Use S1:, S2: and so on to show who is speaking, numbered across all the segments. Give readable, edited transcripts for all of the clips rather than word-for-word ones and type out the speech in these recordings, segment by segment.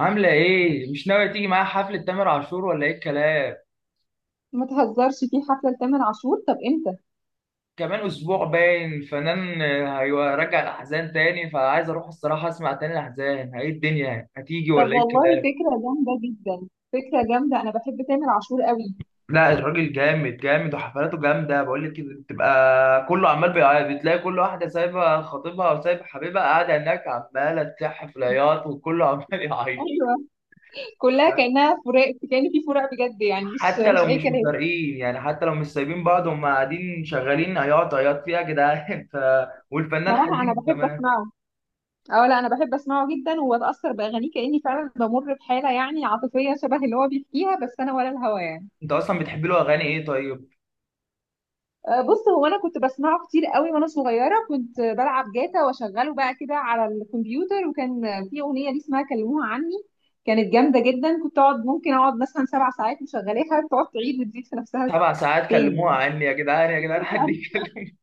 S1: عاملة إيه؟ مش ناوية تيجي معايا حفلة تامر عاشور ولا إيه الكلام؟
S2: ما تهزرش في حفلة لتامر عاشور، طب امتى؟
S1: كمان أسبوع باين الفنان هيرجع الأحزان تاني فعايز أروح الصراحة أسمع تاني الأحزان، إيه الدنيا؟ هتيجي ولا
S2: طب
S1: إيه
S2: والله
S1: الكلام؟
S2: فكرة جامدة جدا، فكرة جامدة، انا بحب تامر عاشور قوي.
S1: لا الراجل جامد جامد وحفلاته جامدة بقول لك كده بتبقى كله عمال بيعيط بتلاقي كل واحدة سايبة خطيبها وسايبة حبيبها قاعدة هناك عمالة تلح في العياط وكله عمال يعيط.
S2: ايوه. كلها كأنها فراق، كأن في فراق بجد يعني، مش
S1: حتى
S2: مش
S1: لو
S2: اي
S1: مش
S2: كلام.
S1: مفارقين يعني حتى لو مش سايبين بعض هم قاعدين شغالين عياط عياط فيها يا جدعان والفنان
S2: صراحة انا
S1: حزين
S2: بحب
S1: كمان.
S2: اسمعه. اه لا انا بحب اسمعه جدا وبتأثر بأغانيه كأني فعلا بمر بحالة يعني عاطفية شبه اللي هو بيحكيها، بس انا ولا الهوى.
S1: انت اصلا بتحب له اغاني ايه طيب؟
S2: بص هو انا كنت بسمعه كتير قوي وانا صغيره، كنت بلعب جاتا واشغله بقى كده على الكمبيوتر، وكان في اغنيه ليه اسمها كلموها عني، كانت جامده جدا. كنت اقعد ممكن اقعد مثلا 7 ساعات مشغلاها، تقعد تعيد وتزيد في نفسها.
S1: سبع ساعات كلموها
S2: تاني.
S1: عني يا جدعان يا جدعان حد يكلم.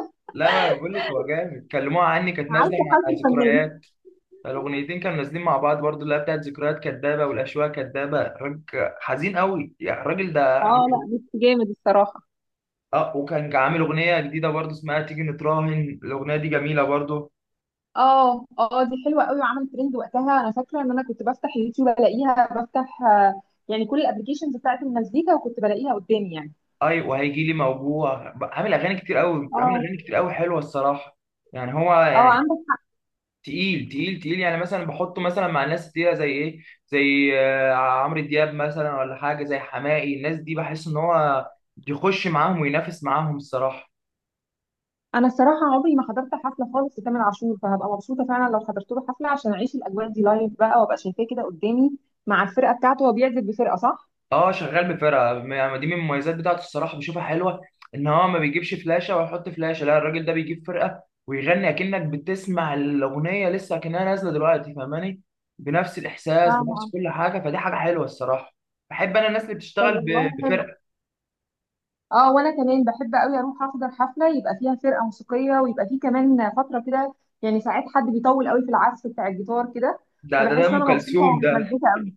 S1: لا ما انا بقول لك هو جامد، كلموها عني كانت نازله
S2: عارفه
S1: مع
S2: حالة الفنان.
S1: ذكريات، الاغنيتين كانوا نازلين مع بعض برضو اللي هي بتاعت ذكريات كدابه والاشواق كدابه، راجل حزين قوي يعني الراجل ده.
S2: اه لا بس جامد الصراحه.
S1: اه وكان عامل اغنيه جديده برضو اسمها تيجي نتراهن، الاغنيه دي جميله برضو.
S2: اه اه دي حلوه قوي وعملت ترند وقتها، انا فاكره ان انا كنت بفتح اليوتيوب الاقيها، بفتح يعني كل الابلكيشنز بتاعت المزيكا وكنت بلاقيها قدامي يعني.
S1: اي وهيجي لي موجوع بقى، عامل اغاني كتير قوي، عامل
S2: اه
S1: اغاني كتير قوي حلوه الصراحه. يعني هو
S2: اه
S1: يعني
S2: عندك.
S1: تقيل تقيل تقيل، يعني مثلا بحطه مثلا مع ناس تقيله زي ايه، زي عمرو دياب مثلا ولا حاجه زي حماقي، الناس دي بحس ان هو يخش معاهم وينافس معاهم الصراحه.
S2: انا الصراحه عمري ما حضرت حفله خالص لتامر عاشور، فهبقى مبسوطه فعلا لو حضرت له حفله عشان اعيش الاجواء دي لايف بقى وابقى شايفاه كده قدامي مع الفرقه بتاعته. هو بيعزف بفرقه صح؟
S1: اه شغال بفرقه، يعني دي من المميزات بتاعته الصراحه، بشوفها حلوه ان هو ما بيجيبش فلاشه ويحط فلاشه، لا الراجل ده بيجيب فرقه ويغني اكنك بتسمع الاغنيه لسه اكنها نازله دلوقتي، فاهماني؟ بنفس
S2: اه.
S1: الاحساس بنفس
S2: آه.
S1: كل حاجه، فدي حاجه حلوه الصراحه. بحب انا الناس اللي
S2: طب
S1: بتشتغل
S2: والله حلو.
S1: بفرقه.
S2: اه وانا كمان بحب قوي اروح احضر حفله يبقى فيها فرقه موسيقيه، ويبقى فيه كمان فتره كده، يعني ساعات حد بيطول قوي في العزف بتاع الجيتار كده،
S1: ده
S2: فبحس
S1: ام
S2: ان انا مبسوطه
S1: كلثوم ده،
S2: ومتمزجه قوي.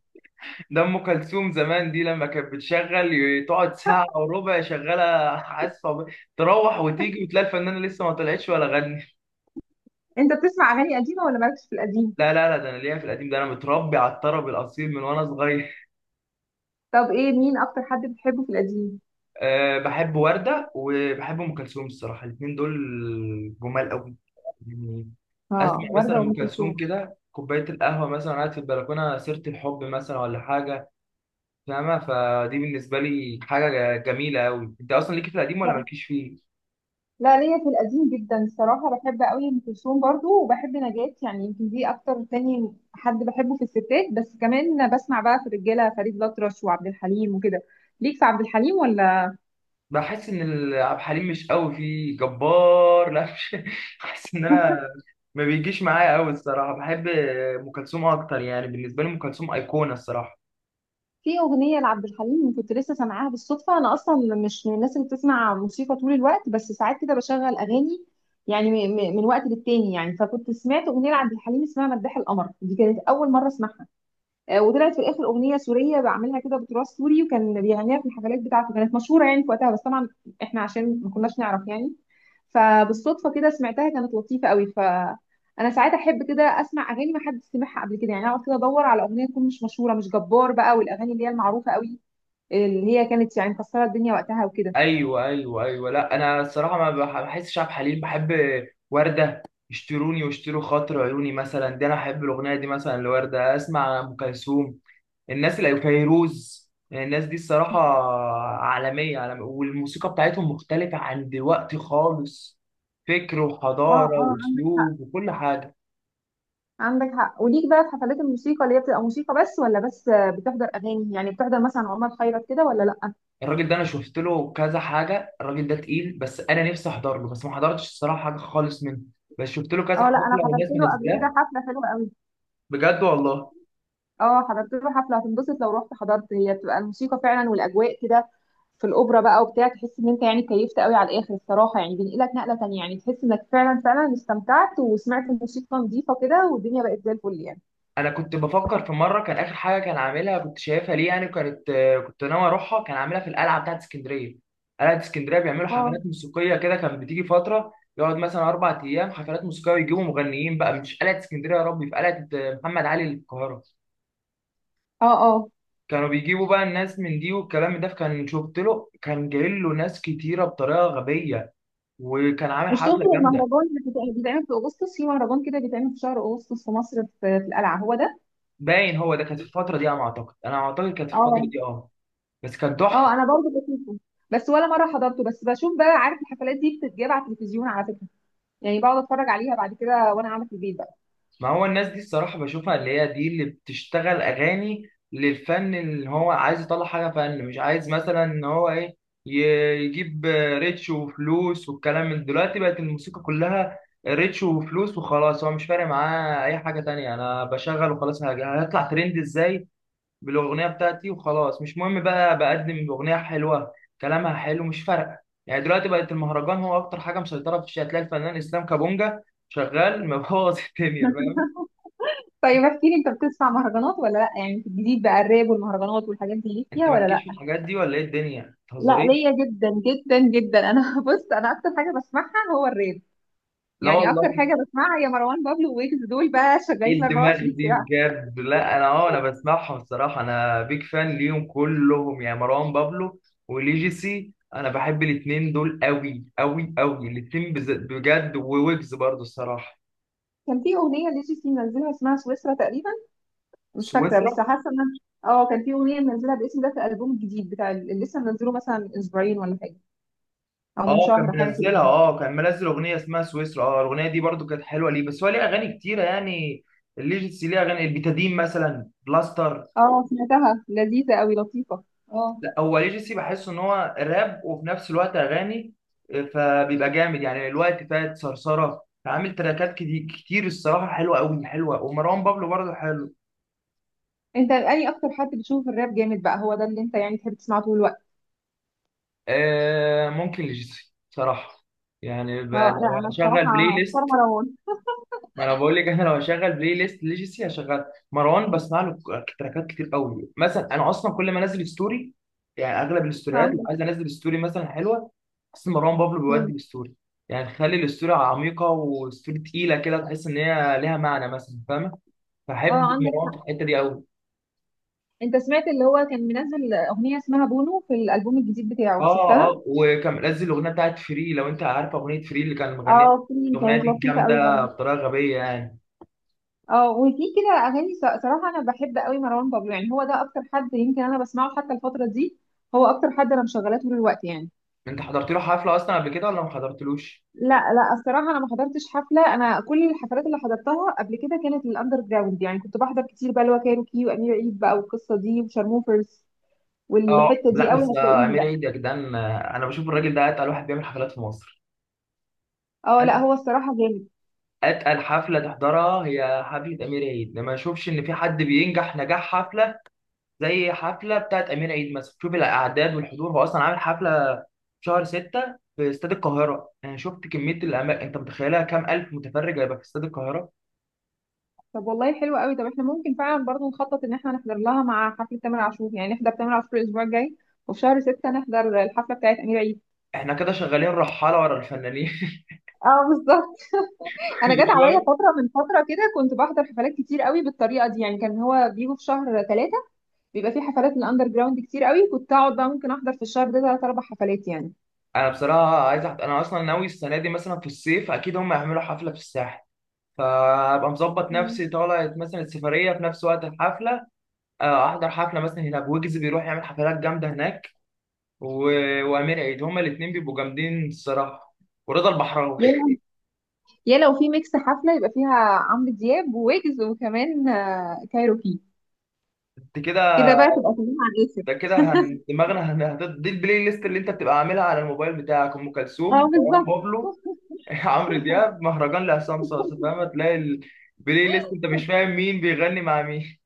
S1: ده ام كلثوم زمان دي لما كانت بتشغل تقعد ساعه وربع شغاله عازفه، تروح وتيجي وتلاقي الفنانه لسه ما طلعتش ولا غنت.
S2: انت بتسمع اغاني قديمه ولا مالكش في القديم؟
S1: لا ده انا ليا في القديم، ده انا متربي على الطرب الاصيل من وانا صغير.
S2: طب ايه مين اكتر حد بتحبه في القديم؟
S1: أه بحب ورده وبحب ام كلثوم الصراحه، الاثنين دول جمال قوي يعني.
S2: اه
S1: اسمع مثلا
S2: ورده وام
S1: ام كلثوم
S2: كلثوم.
S1: كده، كوبايه القهوه مثلا قاعد في البلكونه، سيره الحب مثلا ولا حاجه، فاهمه؟ فدي بالنسبه لي حاجه جميله قوي. انت اصلا ليكي في القديم ولا مالكيش فيه؟
S2: لا ليا في القديم جدا الصراحة، بحب قوي ام كلثوم برضو وبحب نجاة، يعني يمكن دي اكتر تاني حد بحبه في الستات، بس كمان بسمع بقى في الرجالة فريد الأطرش وعبد الحليم وكده. ليك في عبد الحليم ولا؟
S1: بحس ان عبد الحليم مش قوي فيه جبار، لا مش بحس ان انا ما بيجيش معايا قوي الصراحه، بحب ام كلثوم اكتر، يعني بالنسبه لي ام كلثوم ايقونه الصراحه.
S2: في أغنية لعبد الحليم كنت لسه سامعاها بالصدفة، أنا أصلا مش من الناس اللي بتسمع موسيقى طول الوقت، بس ساعات كده بشغل أغاني يعني من وقت للتاني يعني، فكنت سمعت أغنية لعبد الحليم اسمها مداح القمر، دي كانت أول مرة أسمعها. وطلعت في الاخر اغنيه سوريه، بعملها كده بتراث سوري، وكان بيغنيها في الحفلات بتاعته، كانت مشهوره يعني في وقتها، بس طبعا احنا عشان ما كناش نعرف يعني. فبالصدفه كده سمعتها، كانت لطيفه قوي، فانا ساعات احب كده اسمع اغاني ما حد سمعها قبل كده، يعني اقعد كده ادور على اغنيه تكون مش مشهوره، مش جبار بقى والاغاني اللي هي المعروفه قوي اللي هي كانت يعني مكسره الدنيا وقتها وكده.
S1: ايوه ايوه ايوه، لا انا الصراحه ما بحسش عبد الحليم، بحب ورده. اشتروني واشتروا خاطر عيوني مثلا، دي انا احب الاغنيه دي مثلا لورده، اسمع ام كلثوم، الناس اللي فيروز، الناس دي الصراحة عالمية عالمية، والموسيقى بتاعتهم مختلفة عن دلوقتي خالص، فكر
S2: اه
S1: وحضارة
S2: اه عندك حق.
S1: وأسلوب وكل حاجة.
S2: عندك حق. وليك بقى في حفلات الموسيقى اللي هي بتبقى موسيقى بس، ولا بس بتحضر اغاني، يعني بتحضر مثلا عمر خيرت كده، ولا لا؟
S1: الراجل ده أنا شفت له كذا حاجة، الراجل ده تقيل، بس أنا نفسي أحضر له بس ما حضرتش الصراحة حاجة خالص منه، بس شفت له كذا
S2: اه لا
S1: حفلة
S2: انا حضرت
S1: والناس
S2: له قبل كده
S1: منزلاه.
S2: حفله حلوه قوي.
S1: بجد والله؟
S2: اه حضرت له حفله. هتنبسط لو رحت حضرت، هي بتبقى الموسيقى فعلا والاجواء كده في الاوبرا بقى وبتاع، تحس ان انت يعني كيفت قوي على الاخر الصراحه، يعني بينقلك نقله تانية، يعني تحس انك فعلا فعلا استمتعت وسمعت الموسيقى نظيفه كده، والدنيا بقت زي الفل يعني.
S1: انا كنت بفكر في مره كان اخر حاجه كان عاملها كنت شايفها، ليه يعني كانت، كنت ناوي اروحها، كان عاملها في القلعه بتاعت اسكندريه، قلعه اسكندريه بيعملوا
S2: اه
S1: حفلات موسيقيه كده، كانت بتيجي فتره يقعد مثلا اربع ايام حفلات موسيقيه ويجيبوا مغنيين بقى. مش قلعه اسكندريه يا ربي، في قلعه محمد علي اللي في القاهره،
S2: اه اه.
S1: كانوا بيجيبوا بقى الناس من دي والكلام ده. كان شفت له كان جاي له ناس كتيره بطريقه غبيه، وكان عامل
S2: مش تقصد
S1: حفله جامده.
S2: المهرجان اللي بيتعمل في اغسطس؟ في مهرجان كده بيتعمل في شهر اغسطس في مصر في, في القلعه، هو ده؟
S1: باين هو ده، كانت في الفتره دي، انا اعتقد كانت في الفتره
S2: اه.
S1: دي اه، بس كان تحفه.
S2: اه انا برضه بشوفه، بس ولا مره حضرته، بس بشوف بقى. عارف الحفلات دي بتتجاب على التلفزيون على فكره، يعني بقعد اتفرج عليها بعد كده وانا قاعده في البيت بقى.
S1: ما هو الناس دي الصراحة بشوفها، اللي هي دي اللي بتشتغل أغاني للفن، اللي هو عايز يطلع حاجة فن، مش عايز مثلا إن هو إيه يجيب ريتش وفلوس والكلام، من دلوقتي بقت الموسيقى كلها ريتش وفلوس وخلاص، هو مش فارق معاه أي حاجة تانية، أنا بشغل وخلاص، هطلع ترند إزاي بالأغنية بتاعتي وخلاص، مش مهم بقى بقدم أغنية حلوة كلامها حلو، مش فارقة يعني. دلوقتي بقت المهرجان هو أكتر حاجة مسيطرة في الشارع، هتلاقي الفنان إسلام كابونجا شغال مبوظ الدنيا.
S2: طيب احكي لي، انت بتسمع مهرجانات ولا لا؟ يعني في الجديد بقى، الراب والمهرجانات والحاجات دي ليك
S1: انت
S2: فيها ولا
S1: مالكيش
S2: لا؟
S1: في الحاجات دي ولا ايه الدنيا، ما
S2: لا ليا
S1: تهزريش.
S2: جدا جدا جدا انا، بص انا اكتر حاجه بسمعها هو الراب،
S1: لا
S2: يعني اكتر
S1: والله،
S2: حاجه بسمعها هي مروان بابلو ويجز، دول بقى
S1: ايه
S2: شغالين
S1: الدماغ
S2: 24
S1: دي
S2: ساعه.
S1: بجد؟ لا انا اه انا بسمعهم الصراحه، انا بيج فان ليهم كلهم، يعني مروان بابلو وليجيسي انا بحب الاتنين دول قوي قوي قوي، الاتنين بجد، وويجز برضو الصراحه.
S2: كان في اغنيه لجي سي منزلها اسمها سويسرا تقريبا، مش فاكره
S1: سويسرا؟
S2: بس حاسه ان اه كان في اغنيه منزلها بالاسم ده في الالبوم الجديد بتاع اللي لسه منزله مثلا من اسبوعين ولا حاجه، او
S1: اه
S2: من
S1: كان
S2: شهر حاجه
S1: منزلها،
S2: كده.
S1: اه كان منزل اغنيه اسمها سويسرا، اه الاغنيه دي برضو كانت حلوه، ليه بس هو ليه اغاني كتيره يعني، الليجيسي ليه اغاني البيتادين مثلا بلاستر.
S2: اه سمعتها لذيذه قوي، لطيفه. اه.
S1: لا هو ليجاسي بحس ان هو راب وفي نفس الوقت اغاني، فبيبقى جامد يعني، الوقت فات صرصره عامل تراكات كتير كتير الصراحه، حلوه قوي حلوه، ومروان بابلو برضه حلو.
S2: انت اني اكتر حد بتشوف الراب جامد بقى، هو ده اللي انت يعني تحب تسمعه طول الوقت؟
S1: آه ممكن ليجاسي صراحه، يعني
S2: اه
S1: لو
S2: لا انا
S1: هشغل بلاي
S2: الصراحه اختار
S1: ليست،
S2: مروان.
S1: ما انا بقول لك احنا لو هشغل بلاي ليست ليجاسي هشغل، مروان بسمع له تراكات كتير قوي. مثلا انا اصلا كل ما انزل ستوري، يعني اغلب الستوريات اللي
S2: اه.
S1: عايز انزل ستوري مثلا حلوه، بس مروان بابلو
S2: مم.
S1: بيودي الستوري، يعني خلي الستوري عميقه وستوري تقيله كده، تحس ان هي ليها معنى مثلا، فاهمه؟
S2: اه
S1: فحب
S2: عندك
S1: مروان في
S2: حق.
S1: الحته دي قوي.
S2: انت سمعت اللي هو كان منزل اغنيه اسمها بونو في الالبوم الجديد بتاعه؟
S1: اه
S2: شفتها؟
S1: اه وكان منزل الاغنيه بتاعت فري، لو انت عارف اغنيه فري اللي كان مغنيها،
S2: اه في
S1: الاغنيه
S2: كانت
S1: دي
S2: لطيفه قوي
S1: جامده
S2: برضه.
S1: بطريقه غبيه يعني.
S2: اه وفي كده اغاني صراحه انا بحب قوي مروان بابلو، يعني هو ده اكتر حد يمكن انا بسمعه حتى الفتره دي، هو اكتر حد انا مشغلاه طول الوقت يعني.
S1: انت حضرت له حفله اصلا قبل كده ولا ما حضرتلوش؟
S2: لا لا الصراحه انا ما حضرتش حفله، انا كل الحفلات اللي حضرتها قبل كده كانت للاندر جراوند، يعني كنت بحضر كتير بقى اللي هو كايروكي وامير عيد بقى والقصه دي وشارموفرز،
S1: اه
S2: والحته
S1: لا
S2: دي
S1: بس
S2: قوي هتلاقيني
S1: امير
S2: بقى.
S1: عيد يا جدعان، انا بشوف الراجل ده اتقل واحد بيعمل حفلات في مصر.
S2: اه لا
S1: أت-
S2: هو الصراحه جامد.
S1: اتقل حفله تحضرها هي حفله امير عيد، ما اشوفش ان في حد بينجح نجاح حفله زي حفله بتاعت امير عيد مثلا، شوف الاعداد والحضور، هو اصلا عامل حفله في شهر 6 في استاد القاهره، انا شفت كميه الاماكن، انت متخيلها كام الف متفرج هيبقى في استاد القاهره؟
S2: طب والله حلو قوي. طب احنا ممكن فعلا برضه نخطط ان احنا نحضر لها مع حفله تامر عاشور، يعني نحضر تامر عاشور الاسبوع الجاي وفي شهر 6 نحضر الحفله بتاعت امير عيد.
S1: احنا كده شغالين رحاله ورا الفنانين.
S2: اه بالظبط. انا
S1: كل
S2: جت عليا
S1: شويه.
S2: فتره من فتره كده كنت بحضر حفلات كتير قوي بالطريقه دي، يعني كان هو بيجوا في شهر 3 بيبقى في حفلات الاندر جراوند كتير قوي، كنت اقعد بقى ممكن احضر في الشهر ده 3 4 حفلات يعني.
S1: انا بصراحه عايز أحضر. انا اصلا ناوي السنه دي مثلا في الصيف اكيد هم هيعملوا حفله في الساحل، فابقى مظبط
S2: مم.
S1: نفسي طالع مثلا السفريه في نفس وقت الحفله، احضر حفله مثلا هنا، بويجز بيروح يعمل حفلات جامده هناك و... وامير عيد، هما الاثنين بيبقوا جامدين الصراحه، ورضا البحراوي.
S2: يا لو، يا لو في ميكس حفله يبقى فيها عمرو دياب وويجز وكمان كايروكي،
S1: انت كده،
S2: كده بقى تبقى كلها على الاخر.
S1: ده كده هن... دماغنا هن... هت- دي البلاي ليست اللي انت بتبقى عاملها على الموبايل بتاعك، ام
S2: اه
S1: كلثوم مروان
S2: بالظبط.
S1: بابلو عمرو دياب مهرجان لعصام صاصا، فاهم؟ تلاقي البلاي ليست انت مش فاهم مين بيغني مع مين.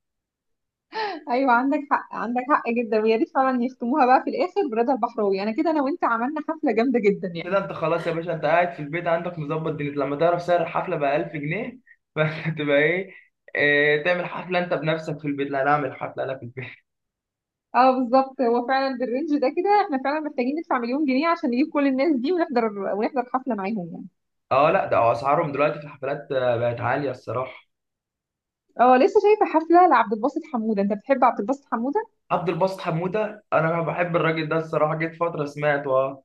S2: ايويا عندك حق، عندك حق جدا. ويا ريت فعلا يختموها بقى في الاخر برضا البحراوي، انا كده انا وانت عملنا حفله جامده جدا
S1: كده
S2: يعني.
S1: انت خلاص يا باشا، انت قاعد في البيت عندك مظبط دنيتك، لما تعرف سعر الحفله ب 1000 جنيه فانت تبقى ايه؟ اه تعمل حفله انت بنفسك في البيت، لا انا اعمل حفله انا في البيت.
S2: اه بالظبط. هو فعلا بالرينج ده كده احنا فعلا محتاجين ندفع مليون جنيه عشان نجيب كل الناس دي ونحضر ونحضر حفله معاهم يعني.
S1: اه لا ده اسعارهم دلوقتي في الحفلات بقت عاليه الصراحه.
S2: اه لسه شايفه حفله لعبد الباسط حموده. انت بتحب عبد الباسط حموده؟
S1: عبد الباسط حموده انا بحب الراجل ده الصراحه، جيت فتره سمعت اه.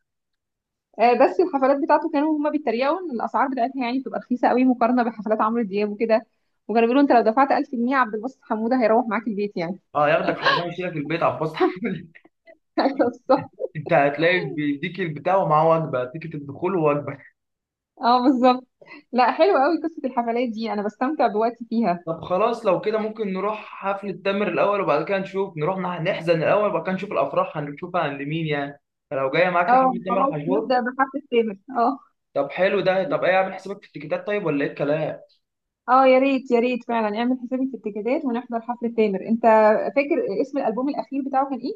S2: بس الحفلات بتاعته كانوا هما بيتريقوا ان الاسعار بتاعتها يعني بتبقى رخيصه قوي مقارنه بحفلات عمرو دياب وكده، وكانوا بيقولوا انت لو دفعت 1000 جنيه عبد الباسط حموده هيروح معاك البيت يعني.
S1: اه ياخدك حفله يشيلك البيت عبد الباسط حموده.
S2: أيوة بالظبط.
S1: انت هتلاقي بيديك البتاع ومعاه وجبه، تيكت الدخول ووجبه.
S2: اه بالظبط. لا حلوه قوي قصه الحفلات دي، انا بستمتع بوقتي فيها.
S1: طب خلاص لو كده ممكن نروح حفلة تامر الأول وبعد كده نشوف، نروح نحزن الأول وبعد كده نشوف الأفراح هنشوفها عند مين يعني، فلو جاية معاك
S2: اه
S1: حفلة تامر
S2: خلاص
S1: حجور.
S2: نبدا بحفله تامر. اه.
S1: طب حلو ده، طب إيه عامل حسابك في التيكيتات طيب ولا إيه الكلام؟
S2: اه يا ريت، يا ريت فعلا اعمل حسابي في التيكيتات ونحضر حفله تامر. انت فاكر اسم الالبوم الاخير بتاعه كان ايه؟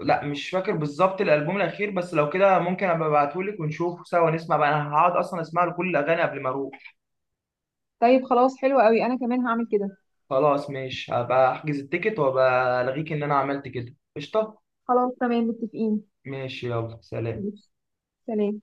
S1: لا مش فاكر بالظبط الألبوم الأخير، بس لو كده ممكن أبقى أبعتهولك ونشوف سوا نسمع بقى، أنا هقعد أصلا أسمع له كل الأغاني قبل ما أروح.
S2: طيب خلاص حلو قوي، انا كمان هعمل كده.
S1: خلاص ماشي هبقى أحجز التيكت وأبقى ألغيك إن أنا عملت كده قشطة؟
S2: خلاص تمام متفقين.
S1: ماشي يلا سلام.
S2: ماشي. سلام.